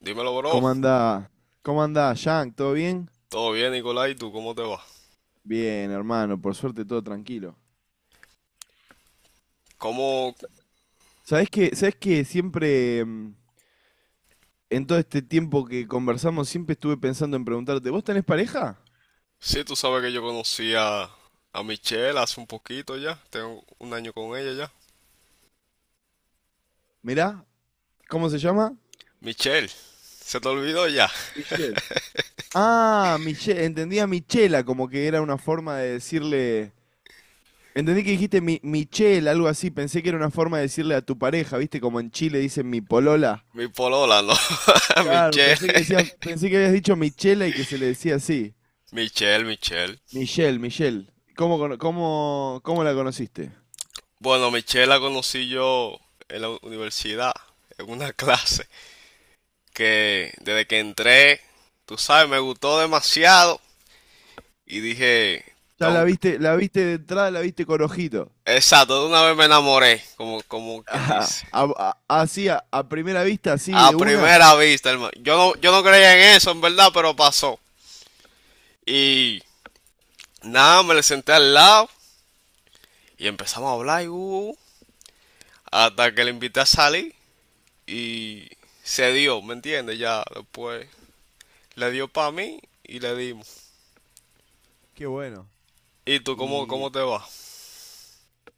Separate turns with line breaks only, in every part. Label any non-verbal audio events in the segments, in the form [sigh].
Dímelo, bro.
¿Cómo anda? ¿Cómo anda, Yank? ¿Todo bien?
¿Todo bien, Nicolai? ¿Tú cómo te va?
Bien, hermano, por suerte todo tranquilo.
¿Cómo?
¿Sabés que siempre, en todo este tiempo que conversamos, siempre estuve pensando en preguntarte, ¿vos tenés pareja?
Sí, tú sabes que yo conocí a Michelle hace un poquito ya. Tengo un año con ella ya.
Mirá, ¿cómo se llama?
Michelle, se te olvidó ya.
Michelle. Ah, Michelle, entendía Michela, como que era una forma de decirle. Entendí que dijiste mi, Michelle, algo así, pensé que era una forma de decirle a tu pareja, ¿viste? Como en Chile dicen mi polola.
Mi polola, ¿no? [laughs]
Claro,
Michelle,
pensé que decías, pensé que habías dicho Michela y que se le decía así.
Michelle, Michelle.
Michelle, Michelle, ¿cómo la conociste?
Bueno, Michelle la conocí yo en la universidad, en una clase, que desde que entré, tú sabes, me gustó demasiado y dije,
Ya
"Tengo-"
la viste de entrada, la viste con ojito. [laughs]
exacto, de una vez me enamoré, como, como quien
Ah,
dice.
así, a primera vista, así, de
A
una.
primera vista, hermano. Yo no creía en eso, en verdad, pero pasó. Y nada, me le senté al lado y empezamos a hablar y, uh, hasta que le invité a salir y se dio, ¿me entiendes? Ya después le dio para mí y le dimos.
Qué bueno.
¿Y tú cómo,
Y
cómo te va?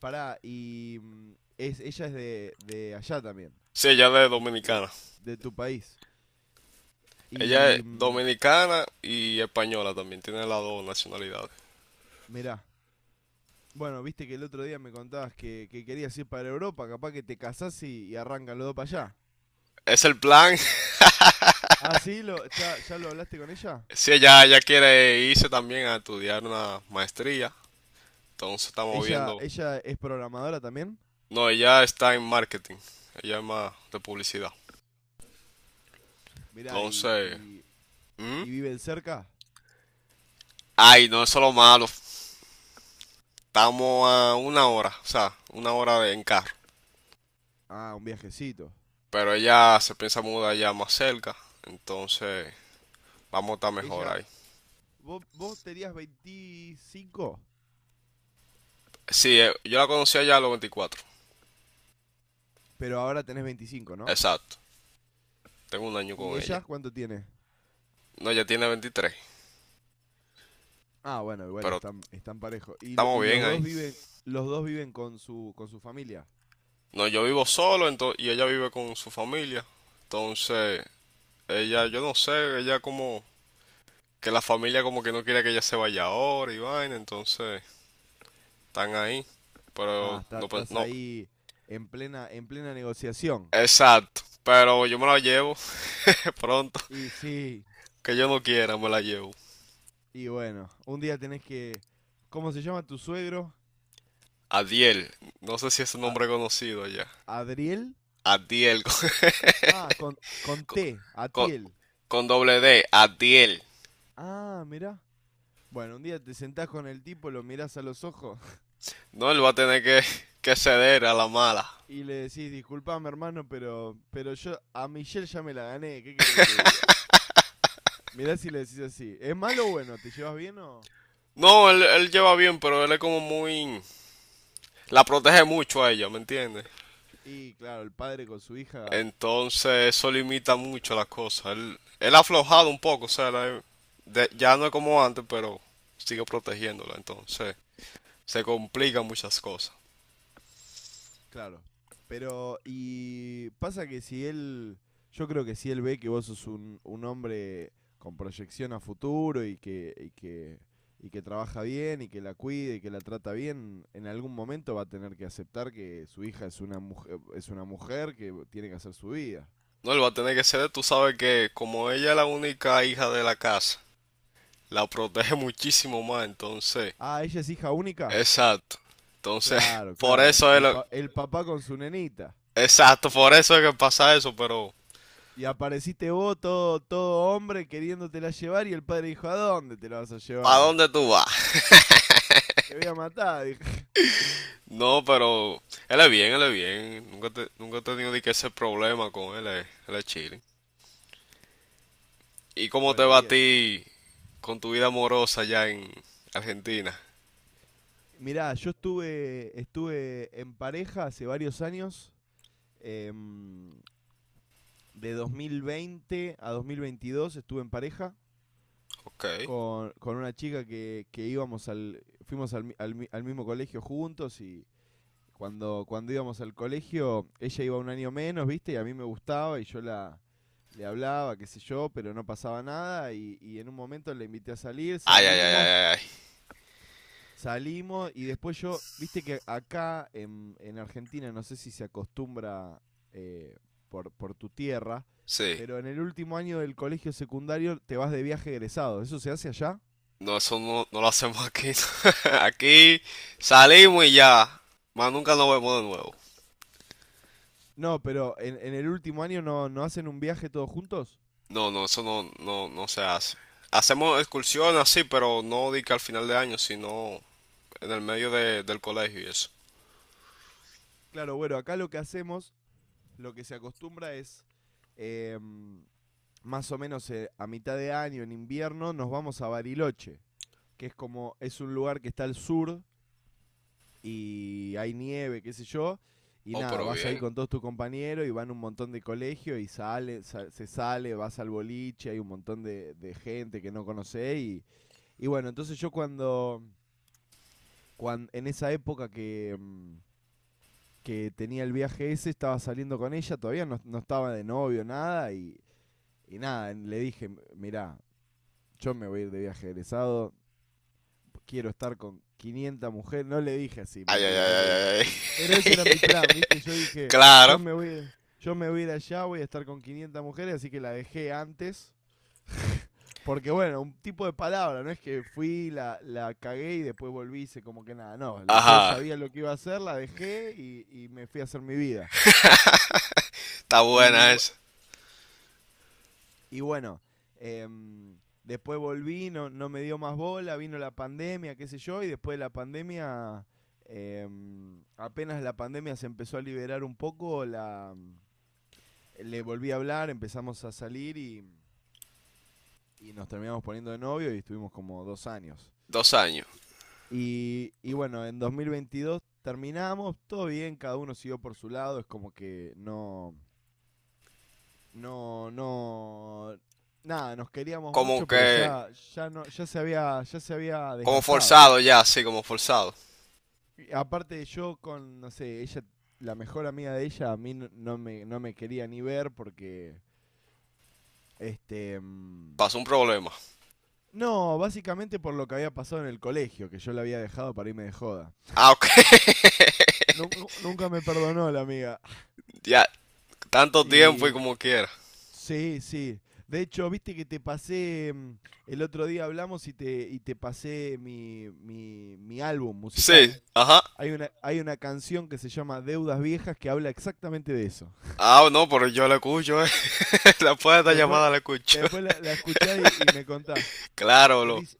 pará, ella es de allá también,
Sí, ella es
de,
dominicana.
de tu país.
Ella es
Y mm,
dominicana y española también, tiene las dos nacionalidades.
Mirá, bueno, viste que el otro día me contabas que querías ir para Europa, capaz que te casás y arrancan los dos para allá.
Es el plan. [laughs]
Ah, sí, ¿ya lo hablaste con ella?
Sí, ella quiere irse también a estudiar una maestría. Entonces estamos
¿Ella,
viendo.
ella es programadora también?
No, ella está en marketing. Ella es más de publicidad.
Mirá, y,
Entonces,
y,
¿hmm?
y viven cerca.
Ay, no, eso es lo malo. Estamos a una hora, o sea, una hora de, en carro.
Ah, un viajecito.
Pero ella se piensa mudar ya más cerca. Entonces, vamos a estar mejor
Ella,
ahí.
vos tenías 25,
Sí, yo la conocí allá a los 24.
pero ahora tenés 25, ¿no?
Exacto. Tengo un año
¿Y
con
ella
ella.
cuánto tiene?
No, ella tiene 23.
Ah, bueno, igual
Pero
están parejos. Y,
estamos
y
bien
los
ahí.
dos viven, con su familia.
No, yo vivo solo y ella vive con su familia. Entonces, ella, yo no sé, ella como que la familia como que no quiere que ella se vaya ahora y vaina, entonces están ahí.
Ah,
Pero
está-
no,
estás
no,
ahí en plena negociación.
exacto. Pero yo me la llevo, [laughs] de pronto,
Y sí,
que yo no quiera, me la llevo.
y bueno, un día tenés que. ¿Cómo se llama tu suegro?
Adiel, no sé si es un
A-
nombre conocido allá.
¿Adriel?
Adiel, [laughs]
Ah, con
con,
T,
con-
Atiel.
con doble D, Adiel.
Ah, mirá. Bueno, un día te sentás con el tipo, lo mirás a los ojos
No, él va a tener que ceder a la mala.
y le decís, disculpame hermano, pero yo a Michelle ya me la gané, ¿qué querés que te diga? Mirás y le decís así, ¿es malo o bueno? ¿Te llevas bien o...?
No, él lleva bien, pero él es como muy... La protege mucho a ella, ¿me entiendes?
Y claro, el padre con su hija.
Entonces eso limita mucho las cosas. Él ha aflojado un poco, o sea, ya no es como antes, pero sigue protegiéndola. Entonces se complican muchas cosas.
Claro. Pero, y pasa que si él, yo creo que si él ve que vos sos un hombre con proyección a futuro y que trabaja bien y que la cuide y que la trata bien, en algún momento va a tener que aceptar que su hija es una mujer que tiene que hacer su vida.
No, él va a tener que ser, tú sabes que como ella es la única hija de la casa, la protege [laughs] muchísimo más, entonces,
Ah, ella es hija única.
exacto. Entonces,
Claro,
[laughs] por
claro.
eso es
El,
lo,
pa- el papá con su nenita.
exacto, por eso es que pasa eso, pero
Y apareciste vos, todo, todo hombre, queriéndotela llevar y el padre dijo, ¿a dónde te la vas a
¿para
llevar?
dónde tú vas? [laughs]
Te voy a matar, dijo.
No, pero él es bien, él es bien. Nunca, nunca he tenido ni que ese problema con él, él es chilling. ¿Y cómo te
Bueno,
va a
bien.
ti con tu vida amorosa allá en Argentina?
Mirá, yo estuve en pareja hace varios años. em, de 2020 a 2022 estuve en pareja
Ok. Ay,
con una chica que íbamos al, fuimos al, mi- al mi- al mismo colegio juntos y cuando íbamos al colegio ella iba un año menos, ¿viste? Y a mí me gustaba y yo le hablaba, qué sé yo, pero no pasaba nada y en un momento la invité a salir,
ay, ay, ay,
salimos.
ay, ay.
Salimos y después yo, viste que acá en Argentina, no sé si se acostumbra eh, por tu tierra,
Sí.
pero en el último año del colegio secundario te vas de viaje egresado. ¿Eso se hace allá?
No, eso no, no lo hacemos aquí. [laughs] Aquí salimos y ya. Más nunca nos vemos de nuevo.
No, pero en el último año no hacen un viaje todos juntos.
No, no, eso no, no, no se hace. Hacemos excursiones así, pero no di que al final de año, sino en el medio del colegio y eso.
Claro, bueno, acá lo que hacemos, lo que se acostumbra es eh, más o menos a mitad de año, en invierno, nos vamos a Bariloche, que es como, es un lugar que está al sur y hay nieve, qué sé yo. Y
Oh,
nada,
pero
vas ahí
bien.
con todos tus compañeros y van un montón de colegios y se sale, vas al boliche, hay un montón de gente que no conocés. Y bueno, entonces yo cuando, en esa época que tenía el viaje ese, estaba saliendo con ella, todavía no estaba de novio, nada. Y nada, le dije, mirá, yo me voy a ir de viaje egresado, quiero estar con 500 mujeres. No le dije así,
Ay, ay,
mentira,
ay,
no le dije.
ay,
Pero ese
ay.
era mi plan, ¿viste? Yo
[laughs]
dije, yo
Claro.
me voy, a- ir- yo me voy a ir allá, voy a estar con 500 mujeres, así que la dejé antes. Porque bueno, un tipo de palabra, no es que fui, la cagué y después volví, hice como que nada, no, yo
Ajá.
sabía lo que iba a hacer, la dejé y me fui a hacer mi vida.
[laughs] Está
Y
buena
bu-
esa.
Y bueno, em, después volví, no me dio más bola, vino la pandemia, qué sé yo, y después de la pandemia, apenas la pandemia se empezó a liberar un poco, le volví a hablar, empezamos a salir y nos terminamos poniendo de novio y estuvimos como 2 años.
Dos años.
Y bueno, en 2022 terminamos, todo bien, cada uno siguió por su lado, es como que no, no, no, nada, nos queríamos
Como
mucho, pero
que,
ya, ya no, ya se había
como
desgastado,
forzado
¿viste?
ya, sí, como forzado.
Y aparte yo con, no sé, ella, la mejor amiga de ella, a mí no me quería ni ver porque, este,
Pasó un problema.
no, básicamente por lo que había pasado en el colegio, que yo la había dejado para irme de joda.
Ah, ok. [laughs]
Nun- Nunca me perdonó la amiga.
Ya, tanto tiempo y
Y
como quiera.
sí, sí. De hecho, viste que te pasé, el otro día hablamos y te pasé mi álbum
Sí,
musical.
ajá.
Hay una canción que se llama Deudas Viejas que habla exactamente de eso.
Ah, no, pero yo la escucho, eh. [laughs] Después de esta
Después,
llamada la escucho.
después la escuchás y me
[laughs]
contás.
Claro,
Pues
lo.
dice,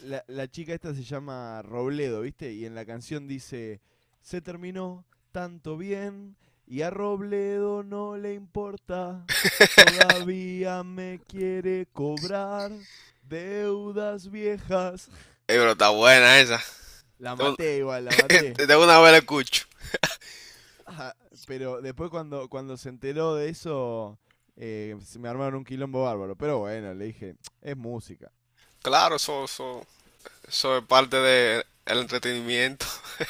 la chica esta se llama Robledo, ¿viste? Y en la canción dice, se terminó tanto bien y a Robledo no le importa, todavía me quiere cobrar deudas viejas.
Pero está buena esa.
La
De un-
maté igual, la maté.
[laughs] de una vez la escucho.
Ah, pero después cuando se enteró de eso, se me armaron un quilombo bárbaro. Pero bueno, le dije, es música.
Claro, eso, eso. Eso es parte del entretenimiento. [laughs]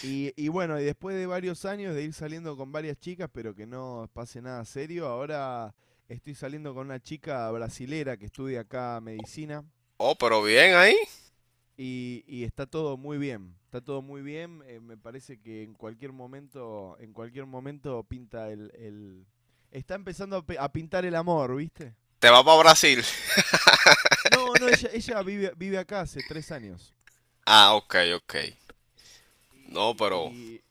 Y bueno, y después de varios años de ir saliendo con varias chicas, pero que no pase nada serio, ahora estoy saliendo con una chica brasilera que estudia acá medicina
Oh, pero bien ahí.
y está todo muy bien. Está todo muy bien. Me parece que en cualquier momento pinta está empezando a pintar el amor, ¿viste?
Te vas para Brasil. [laughs]
No, no, ella vive acá hace 3 años.
Ah, ok, ok. No,
Y,
pero
y,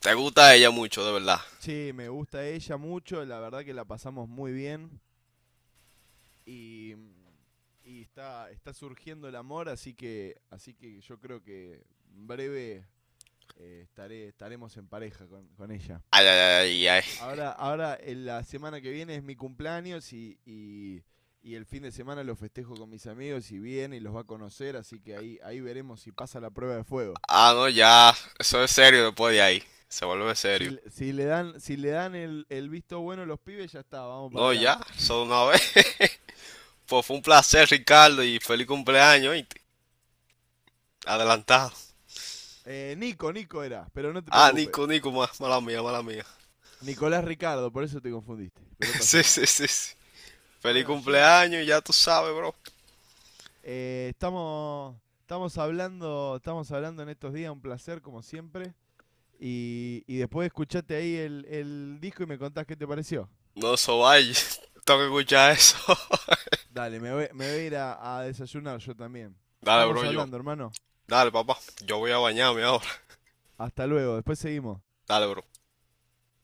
te
y
gusta
está.
ella mucho, de verdad.
Che, me gusta ella mucho, la verdad que la pasamos muy bien. Y, y está surgiendo el amor, así que yo creo que en breve estaremos en pareja con ella.
Ay, ay, ay, ay.
Ahora en la semana que viene es mi cumpleaños y el fin de semana lo festejo con mis amigos y viene y los va a conocer, así que ahí veremos si pasa la prueba de fuego.
Ah, no, ya. Eso es serio después de ahí. Se vuelve serio.
Si le dan el visto bueno a los pibes, ya está, vamos para
No, ya.
adelante.
Solo una vez. [laughs] Pues fue un placer, Ricardo, y feliz cumpleaños, ¿oíste? Adelantado.
Nico, Nico era, pero no te
Ah,
preocupes.
Nico, Nico, mala mía, mala mía.
Nicolás Ricardo, por eso te confundiste, pero no
[laughs]
pasa
Sí,
nada.
sí, sí, sí. Feliz
Bueno, Jim,
cumpleaños, ya tú sabes, bro.
estamos hablando en estos días, un placer como siempre. Y después escuchate ahí el disco y me contás qué te pareció.
No, eso vaya. [laughs] Tengo que escuchar eso. [laughs]
Dale, me voy a ir a desayunar yo también.
Dale,
Estamos
bro, yo.
hablando, hermano.
Dale, papá. Yo voy a bañarme ahora.
Hasta luego, después seguimos.
Dale, bro.